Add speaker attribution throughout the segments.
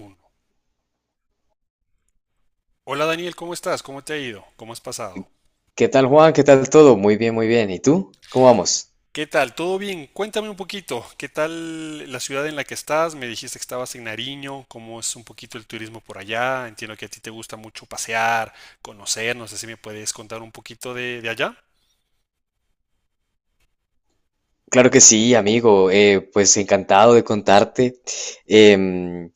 Speaker 1: Uno. Hola Daniel, ¿cómo estás? ¿Cómo te ha ido? ¿Cómo has pasado?
Speaker 2: ¿Qué tal, Juan? ¿Qué tal todo? Muy bien, muy bien. ¿Y tú? ¿Cómo vamos?
Speaker 1: ¿Qué tal? ¿Todo bien? Cuéntame un poquito, ¿qué tal la ciudad en la que estás? Me dijiste que estabas en Nariño, ¿cómo es un poquito el turismo por allá? Entiendo que a ti te gusta mucho pasear, conocer, no sé si me puedes contar un poquito de allá.
Speaker 2: Claro que sí, amigo. Pues encantado de contarte. Em,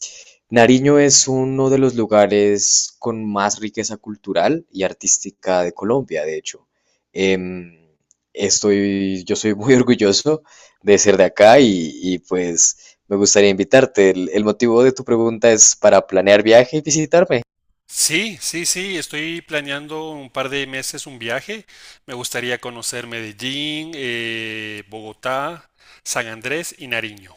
Speaker 2: Nariño es uno de los lugares con más riqueza cultural y artística de Colombia, de hecho. Em, yo soy muy orgulloso de ser de acá pues me gustaría invitarte. El motivo de tu pregunta es para planear viaje y visitarme.
Speaker 1: Sí, sí, sí, estoy planeando un par de meses un viaje. Me gustaría conocer Medellín, Bogotá, San Andrés y Nariño.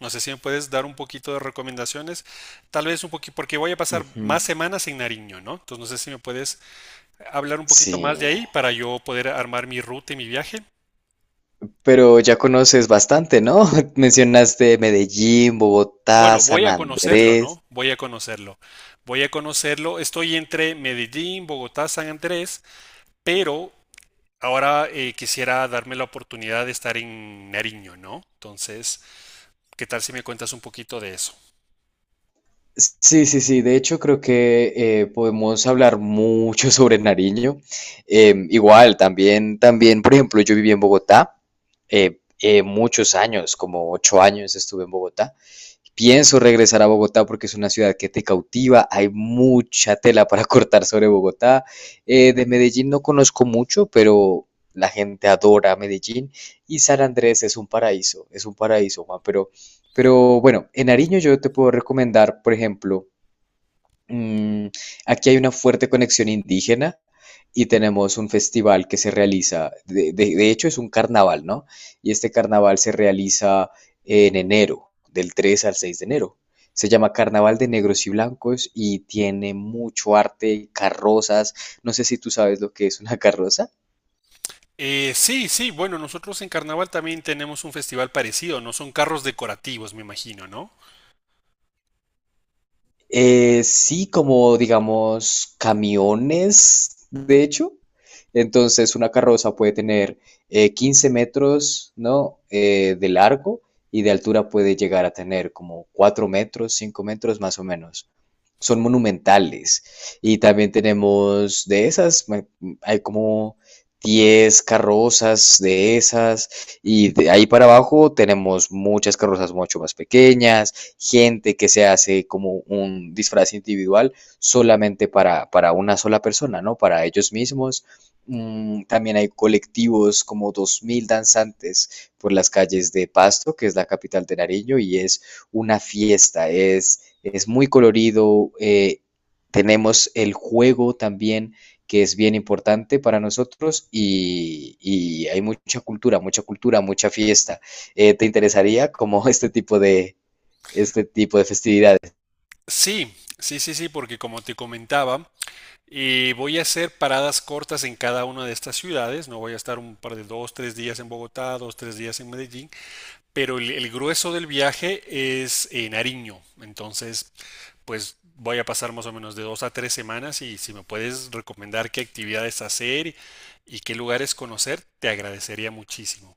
Speaker 1: No sé si me puedes dar un poquito de recomendaciones, tal vez un poquito, porque voy a pasar
Speaker 2: Ujú.
Speaker 1: más semanas en Nariño, ¿no? Entonces no sé si me puedes hablar un poquito
Speaker 2: Sí.
Speaker 1: más de ahí para yo poder armar mi ruta y mi viaje.
Speaker 2: Pero ya conoces bastante, ¿no? Mencionaste Medellín, Bogotá,
Speaker 1: Bueno, voy
Speaker 2: San
Speaker 1: a conocerlo,
Speaker 2: Andrés.
Speaker 1: ¿no? Voy a conocerlo. Voy a conocerlo. Estoy entre Medellín, Bogotá, San Andrés, pero ahora quisiera darme la oportunidad de estar en Nariño, ¿no? Entonces, ¿qué tal si me cuentas un poquito de eso?
Speaker 2: Sí, sí, sí. De hecho, creo que podemos hablar mucho sobre Nariño. Igual, también, por ejemplo, yo viví en Bogotá muchos años, como 8 años estuve en Bogotá. Pienso regresar a Bogotá porque es una ciudad que te cautiva, hay mucha tela para cortar sobre Bogotá. De Medellín no conozco mucho, pero la gente adora Medellín y San Andrés es un paraíso, Juan, pero, bueno, en Nariño yo te puedo recomendar, por ejemplo. Mm, Aquí hay una fuerte conexión indígena y tenemos un festival que se realiza, de hecho es un carnaval, ¿no? Y este carnaval se realiza en enero, del 3 al 6 de enero. Se llama Carnaval de Negros y Blancos y tiene mucho arte, carrozas. No sé si tú sabes lo que es una carroza.
Speaker 1: Sí, sí, bueno, nosotros en Carnaval también tenemos un festival parecido, no son carros decorativos, me imagino, ¿no?
Speaker 2: Sí, como digamos camiones, de hecho. Entonces, una carroza puede tener 15 metros, ¿no? De largo, y de altura puede llegar a tener como 4 metros, 5 metros más o menos. Son monumentales. Y también tenemos de esas. Hay como 10 carrozas de esas. Y de ahí para abajo tenemos muchas carrozas mucho más pequeñas, gente que se hace como un disfraz individual solamente para, una sola persona, ¿no? Para ellos mismos. También hay colectivos como 2.000 danzantes por las calles de Pasto, que es la capital de Nariño, y es una fiesta, es muy colorido. Tenemos el juego también, que es bien importante para nosotros, y hay mucha cultura, mucha cultura, mucha fiesta. ¿Te interesaría como este tipo de festividades?
Speaker 1: Sí, sí, sí, sí, porque como te comentaba, voy a hacer paradas cortas en cada una de estas ciudades, no voy a estar un par de dos, tres días en Bogotá, dos, tres días en Medellín, pero el grueso del viaje es en Nariño, entonces, pues voy a pasar más o menos de dos a tres semanas y si me puedes recomendar qué actividades hacer y qué lugares conocer, te agradecería muchísimo.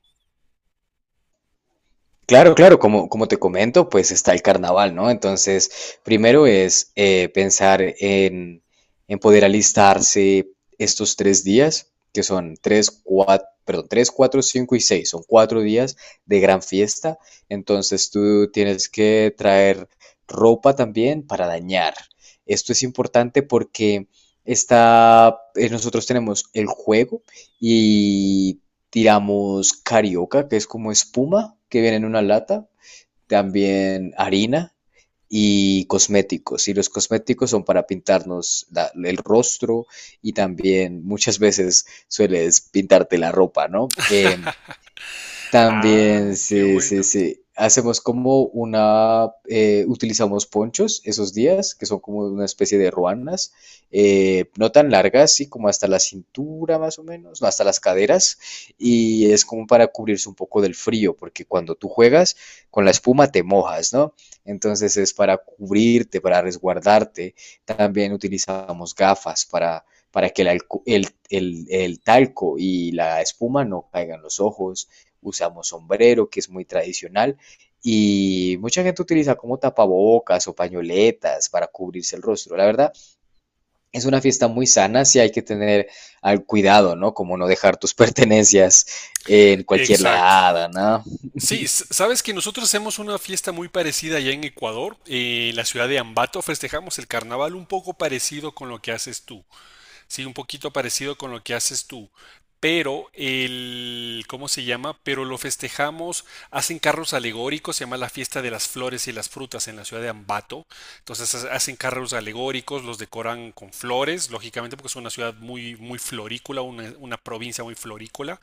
Speaker 2: Claro, claro, como te comento, pues está el carnaval, ¿no? Entonces, primero es pensar en, poder alistarse estos 3 días, que son tres, cuatro, perdón, 3, 4, 5 y 6, son 4 días de gran fiesta. Entonces, tú tienes que traer ropa también para dañar. Esto es importante porque nosotros tenemos el juego y tiramos carioca, que es como espuma que viene en una lata, también harina y cosméticos. Y los cosméticos son para pintarnos el rostro, y también muchas veces sueles pintarte la ropa, ¿no?
Speaker 1: Ah,
Speaker 2: También,
Speaker 1: qué
Speaker 2: sí, sí,
Speaker 1: bueno.
Speaker 2: sí. Utilizamos ponchos esos días, que son como una especie de ruanas, no tan largas, sí, como hasta la cintura más o menos, no, hasta las caderas, y es como para cubrirse un poco del frío, porque cuando tú juegas con la espuma te mojas, ¿no? Entonces es para cubrirte, para resguardarte. También utilizamos gafas para, que el, alco- el talco y la espuma no caigan los ojos. Usamos sombrero, que es muy tradicional, y mucha gente utiliza como tapabocas o pañoletas para cubrirse el rostro. La verdad, es una fiesta muy sana, sí hay que tener al cuidado, ¿no? Como no dejar tus pertenencias en cualquier
Speaker 1: Exacto.
Speaker 2: lado, ¿no?
Speaker 1: Sí, sabes que nosotros hacemos una fiesta muy parecida allá en Ecuador. En la ciudad de Ambato festejamos el carnaval un poco parecido con lo que haces tú. Sí, un poquito parecido con lo que haces tú. Pero el, ¿cómo se llama? Pero lo festejamos, hacen carros alegóricos, se llama la fiesta de las flores y las frutas en la ciudad de Ambato. Entonces hacen carros alegóricos, los decoran con flores, lógicamente porque es una ciudad muy, muy florícola, una provincia muy florícola.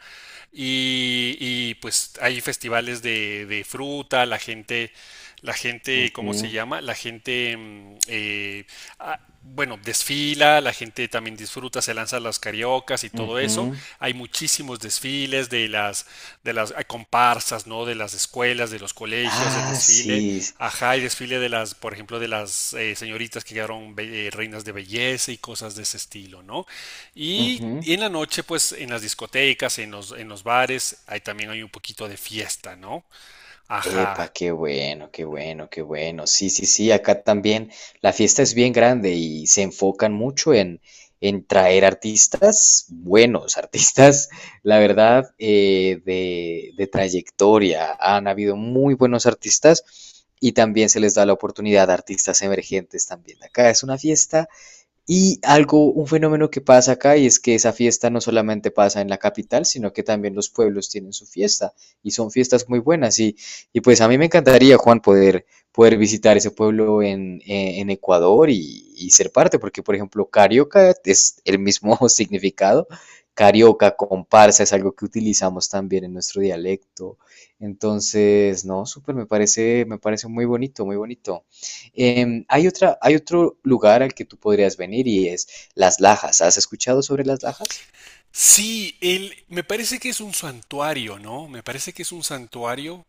Speaker 1: Y pues hay festivales de fruta, la gente, ¿cómo se
Speaker 2: Ujú,
Speaker 1: llama? La gente, ah, bueno, desfila, la gente también disfruta, se lanzan las cariocas y todo eso.
Speaker 2: ujú.
Speaker 1: Hay muchísimos desfiles de las, hay comparsas, ¿no? De las escuelas, de los colegios, del
Speaker 2: Ah,
Speaker 1: desfile,
Speaker 2: sí.
Speaker 1: ajá, y desfile de las, por ejemplo, de las señoritas que quedaron reinas de belleza y cosas de ese estilo, ¿no? Y
Speaker 2: Ujú.
Speaker 1: en la noche, pues, en las discotecas, en los bares, ahí también hay un poquito de fiesta, ¿no?
Speaker 2: Epa,
Speaker 1: Ajá.
Speaker 2: qué bueno, qué bueno, qué bueno. Sí, sí, sí, acá también la fiesta es bien grande y se enfocan mucho en, traer artistas buenos, artistas, la verdad, de trayectoria. Han habido muy buenos artistas, y también se les da la oportunidad a artistas emergentes también. Acá es una fiesta, y algo, un fenómeno que pasa acá, y es que esa fiesta no solamente pasa en la capital, sino que también los pueblos tienen su fiesta, y son fiestas muy buenas. Y pues a mí me encantaría, Juan, poder, visitar ese pueblo en Ecuador, y ser parte, porque por ejemplo, carioca es el mismo significado. Carioca, comparsa, es algo que utilizamos también en nuestro dialecto. Entonces, no, súper, me parece muy bonito, muy bonito. Hay otro lugar al que tú podrías venir, y es Las Lajas. ¿Has escuchado sobre Las Lajas?
Speaker 1: Sí, me parece que es un santuario, ¿no? Me parece que es un santuario.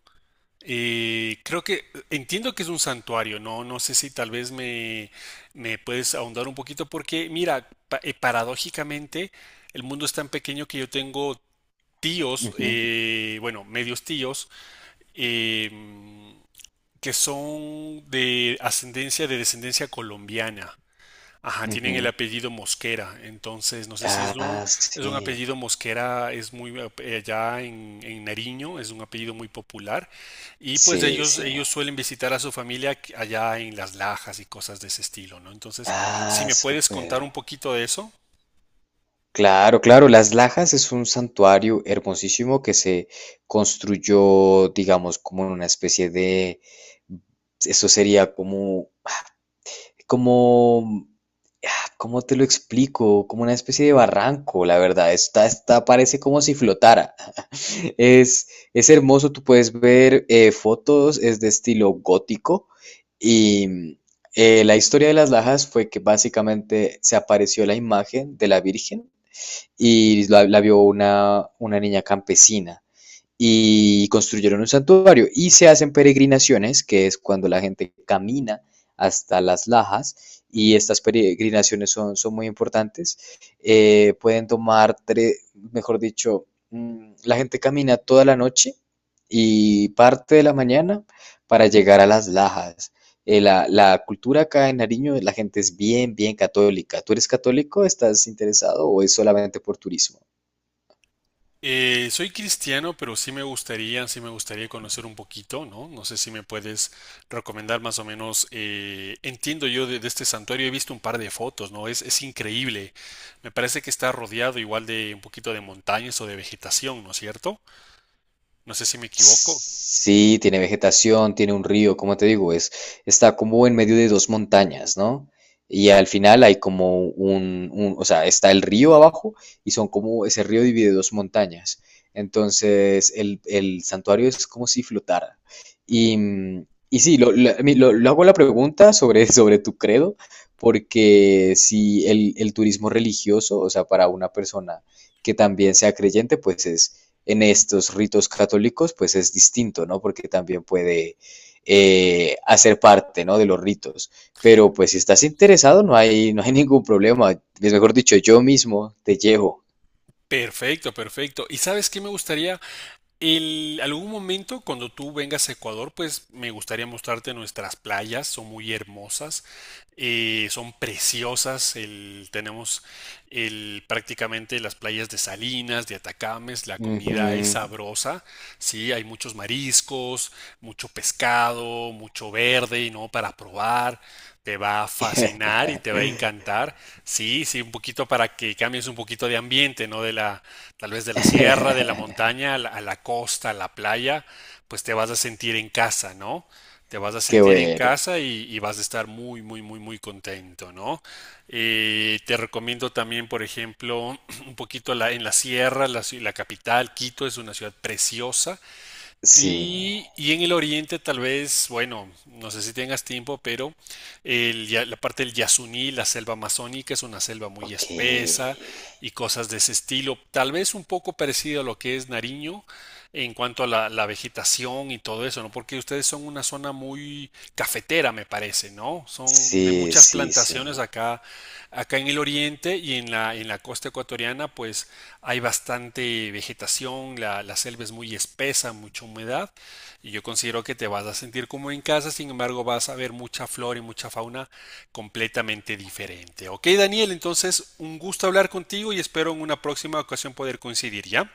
Speaker 1: Creo que entiendo que es un santuario, ¿no? No sé si tal vez me puedes ahondar un poquito porque, mira, paradójicamente el mundo es tan pequeño que yo tengo tíos,
Speaker 2: Ujú,
Speaker 1: bueno, medios tíos, em, que son de ascendencia, de descendencia colombiana. Ajá, tienen el
Speaker 2: ujú.
Speaker 1: apellido Mosquera, entonces no sé si es un,
Speaker 2: Ah,
Speaker 1: es un
Speaker 2: sí,
Speaker 1: apellido Mosquera, es muy allá en Nariño, es un apellido muy popular y pues
Speaker 2: sí,
Speaker 1: ellos,
Speaker 2: sí.
Speaker 1: ellos suelen visitar a su familia allá en Las Lajas y cosas de ese estilo, ¿no? Entonces, si
Speaker 2: Ah,
Speaker 1: me puedes contar
Speaker 2: súper.
Speaker 1: un poquito de eso.
Speaker 2: Claro, claro, Las Lajas es un santuario hermosísimo que se construyó, digamos, como en una especie de, eso sería como, como ¿cómo te lo explico? Como una especie de barranco, la verdad. Está, parece como si flotara. Es, es hermoso, tú puedes ver fotos, es de estilo gótico, y la historia de Las Lajas fue que básicamente se apareció la imagen de la Virgen, y la vio una niña campesina, y construyeron un santuario, y se hacen peregrinaciones, que es cuando la gente camina hasta Las Lajas, y estas peregrinaciones son, muy importantes. Mejor dicho, la gente camina toda la noche y parte de la mañana para llegar a Las Lajas. La cultura acá en Nariño, la gente es bien, bien católica. ¿Tú eres católico? ¿Estás interesado, o es solamente por turismo?
Speaker 1: Soy cristiano, pero sí me gustaría conocer un poquito, ¿no? No sé si me puedes recomendar más o menos, entiendo yo de este santuario, he visto un par de fotos, ¿no? Es increíble. Me parece que está rodeado igual de un poquito de montañas o de vegetación, ¿no es cierto? No sé si me equivoco.
Speaker 2: Sí, tiene vegetación, tiene un río, como te digo, está como en medio de dos montañas, ¿no? Y al final hay como o sea, está el río abajo, y son como, ese río divide dos montañas. Entonces, el santuario es como si flotara. Y sí, a mí lo hago la pregunta sobre, sobre tu credo, porque si el turismo religioso, o sea, para una persona que también sea creyente, pues es, en estos ritos católicos, pues es distinto, ¿no? Porque también puede hacer parte, ¿no? De los ritos. Pero pues si estás interesado, no hay, no hay ningún problema. Es, mejor dicho, yo mismo te llevo.
Speaker 1: Perfecto, perfecto. ¿Y sabes qué me gustaría? Algún momento cuando tú vengas a Ecuador, pues me gustaría mostrarte nuestras playas, son muy hermosas, son preciosas, tenemos prácticamente las playas de Salinas, de Atacames, la
Speaker 2: Ujú.
Speaker 1: comida es sabrosa, sí, hay muchos mariscos, mucho pescado, mucho verde, ¿no? Para probar, te va a fascinar y te va a encantar, sí, sí, un poquito para que cambies un poquito de ambiente, ¿no? De la, tal vez de la sierra, de la montaña, a la costa, a la playa, pues te vas a sentir en casa, ¿no? Te vas a
Speaker 2: Qué
Speaker 1: sentir en
Speaker 2: bueno.
Speaker 1: casa y vas a estar muy, muy, muy, muy contento, ¿no? Te recomiendo también, por ejemplo, un poquito en la sierra, la capital, Quito es una ciudad preciosa,
Speaker 2: Sí.
Speaker 1: y en el oriente tal vez, bueno, no sé si tengas tiempo, pero la parte del Yasuní, la selva amazónica, es una selva muy
Speaker 2: Ok.
Speaker 1: espesa y cosas de ese estilo, tal vez un poco parecido a lo que es Nariño en cuanto a la vegetación y todo eso, ¿no? Porque ustedes son una zona muy cafetera, me parece, ¿no? Son de
Speaker 2: Sí,
Speaker 1: muchas
Speaker 2: sí,
Speaker 1: plantaciones
Speaker 2: sí.
Speaker 1: acá. Acá en el oriente y en la costa ecuatoriana, pues hay bastante vegetación, la selva es muy espesa, mucha humedad, y yo considero que te vas a sentir como en casa, sin embargo vas a ver mucha flora y mucha fauna completamente diferente. Ok, Daniel, entonces un gusto hablar contigo y espero en una próxima ocasión poder coincidir, ¿ya?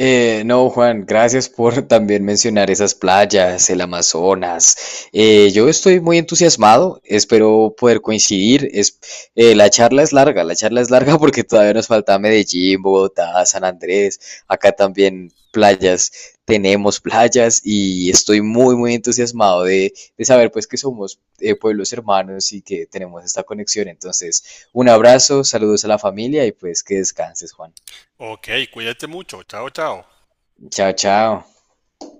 Speaker 2: No, Juan, gracias por también mencionar esas playas, el Amazonas. Yo estoy muy entusiasmado, espero poder coincidir. La charla es larga, la charla es larga, porque todavía nos falta Medellín, Bogotá, San Andrés, acá también playas, tenemos playas, y estoy muy, muy entusiasmado de saber, pues, que somos pueblos hermanos y que tenemos esta conexión. Entonces, un abrazo, saludos a la familia, y pues que descanses, Juan.
Speaker 1: Ok, cuídate mucho, chao, chao.
Speaker 2: Chao, chao.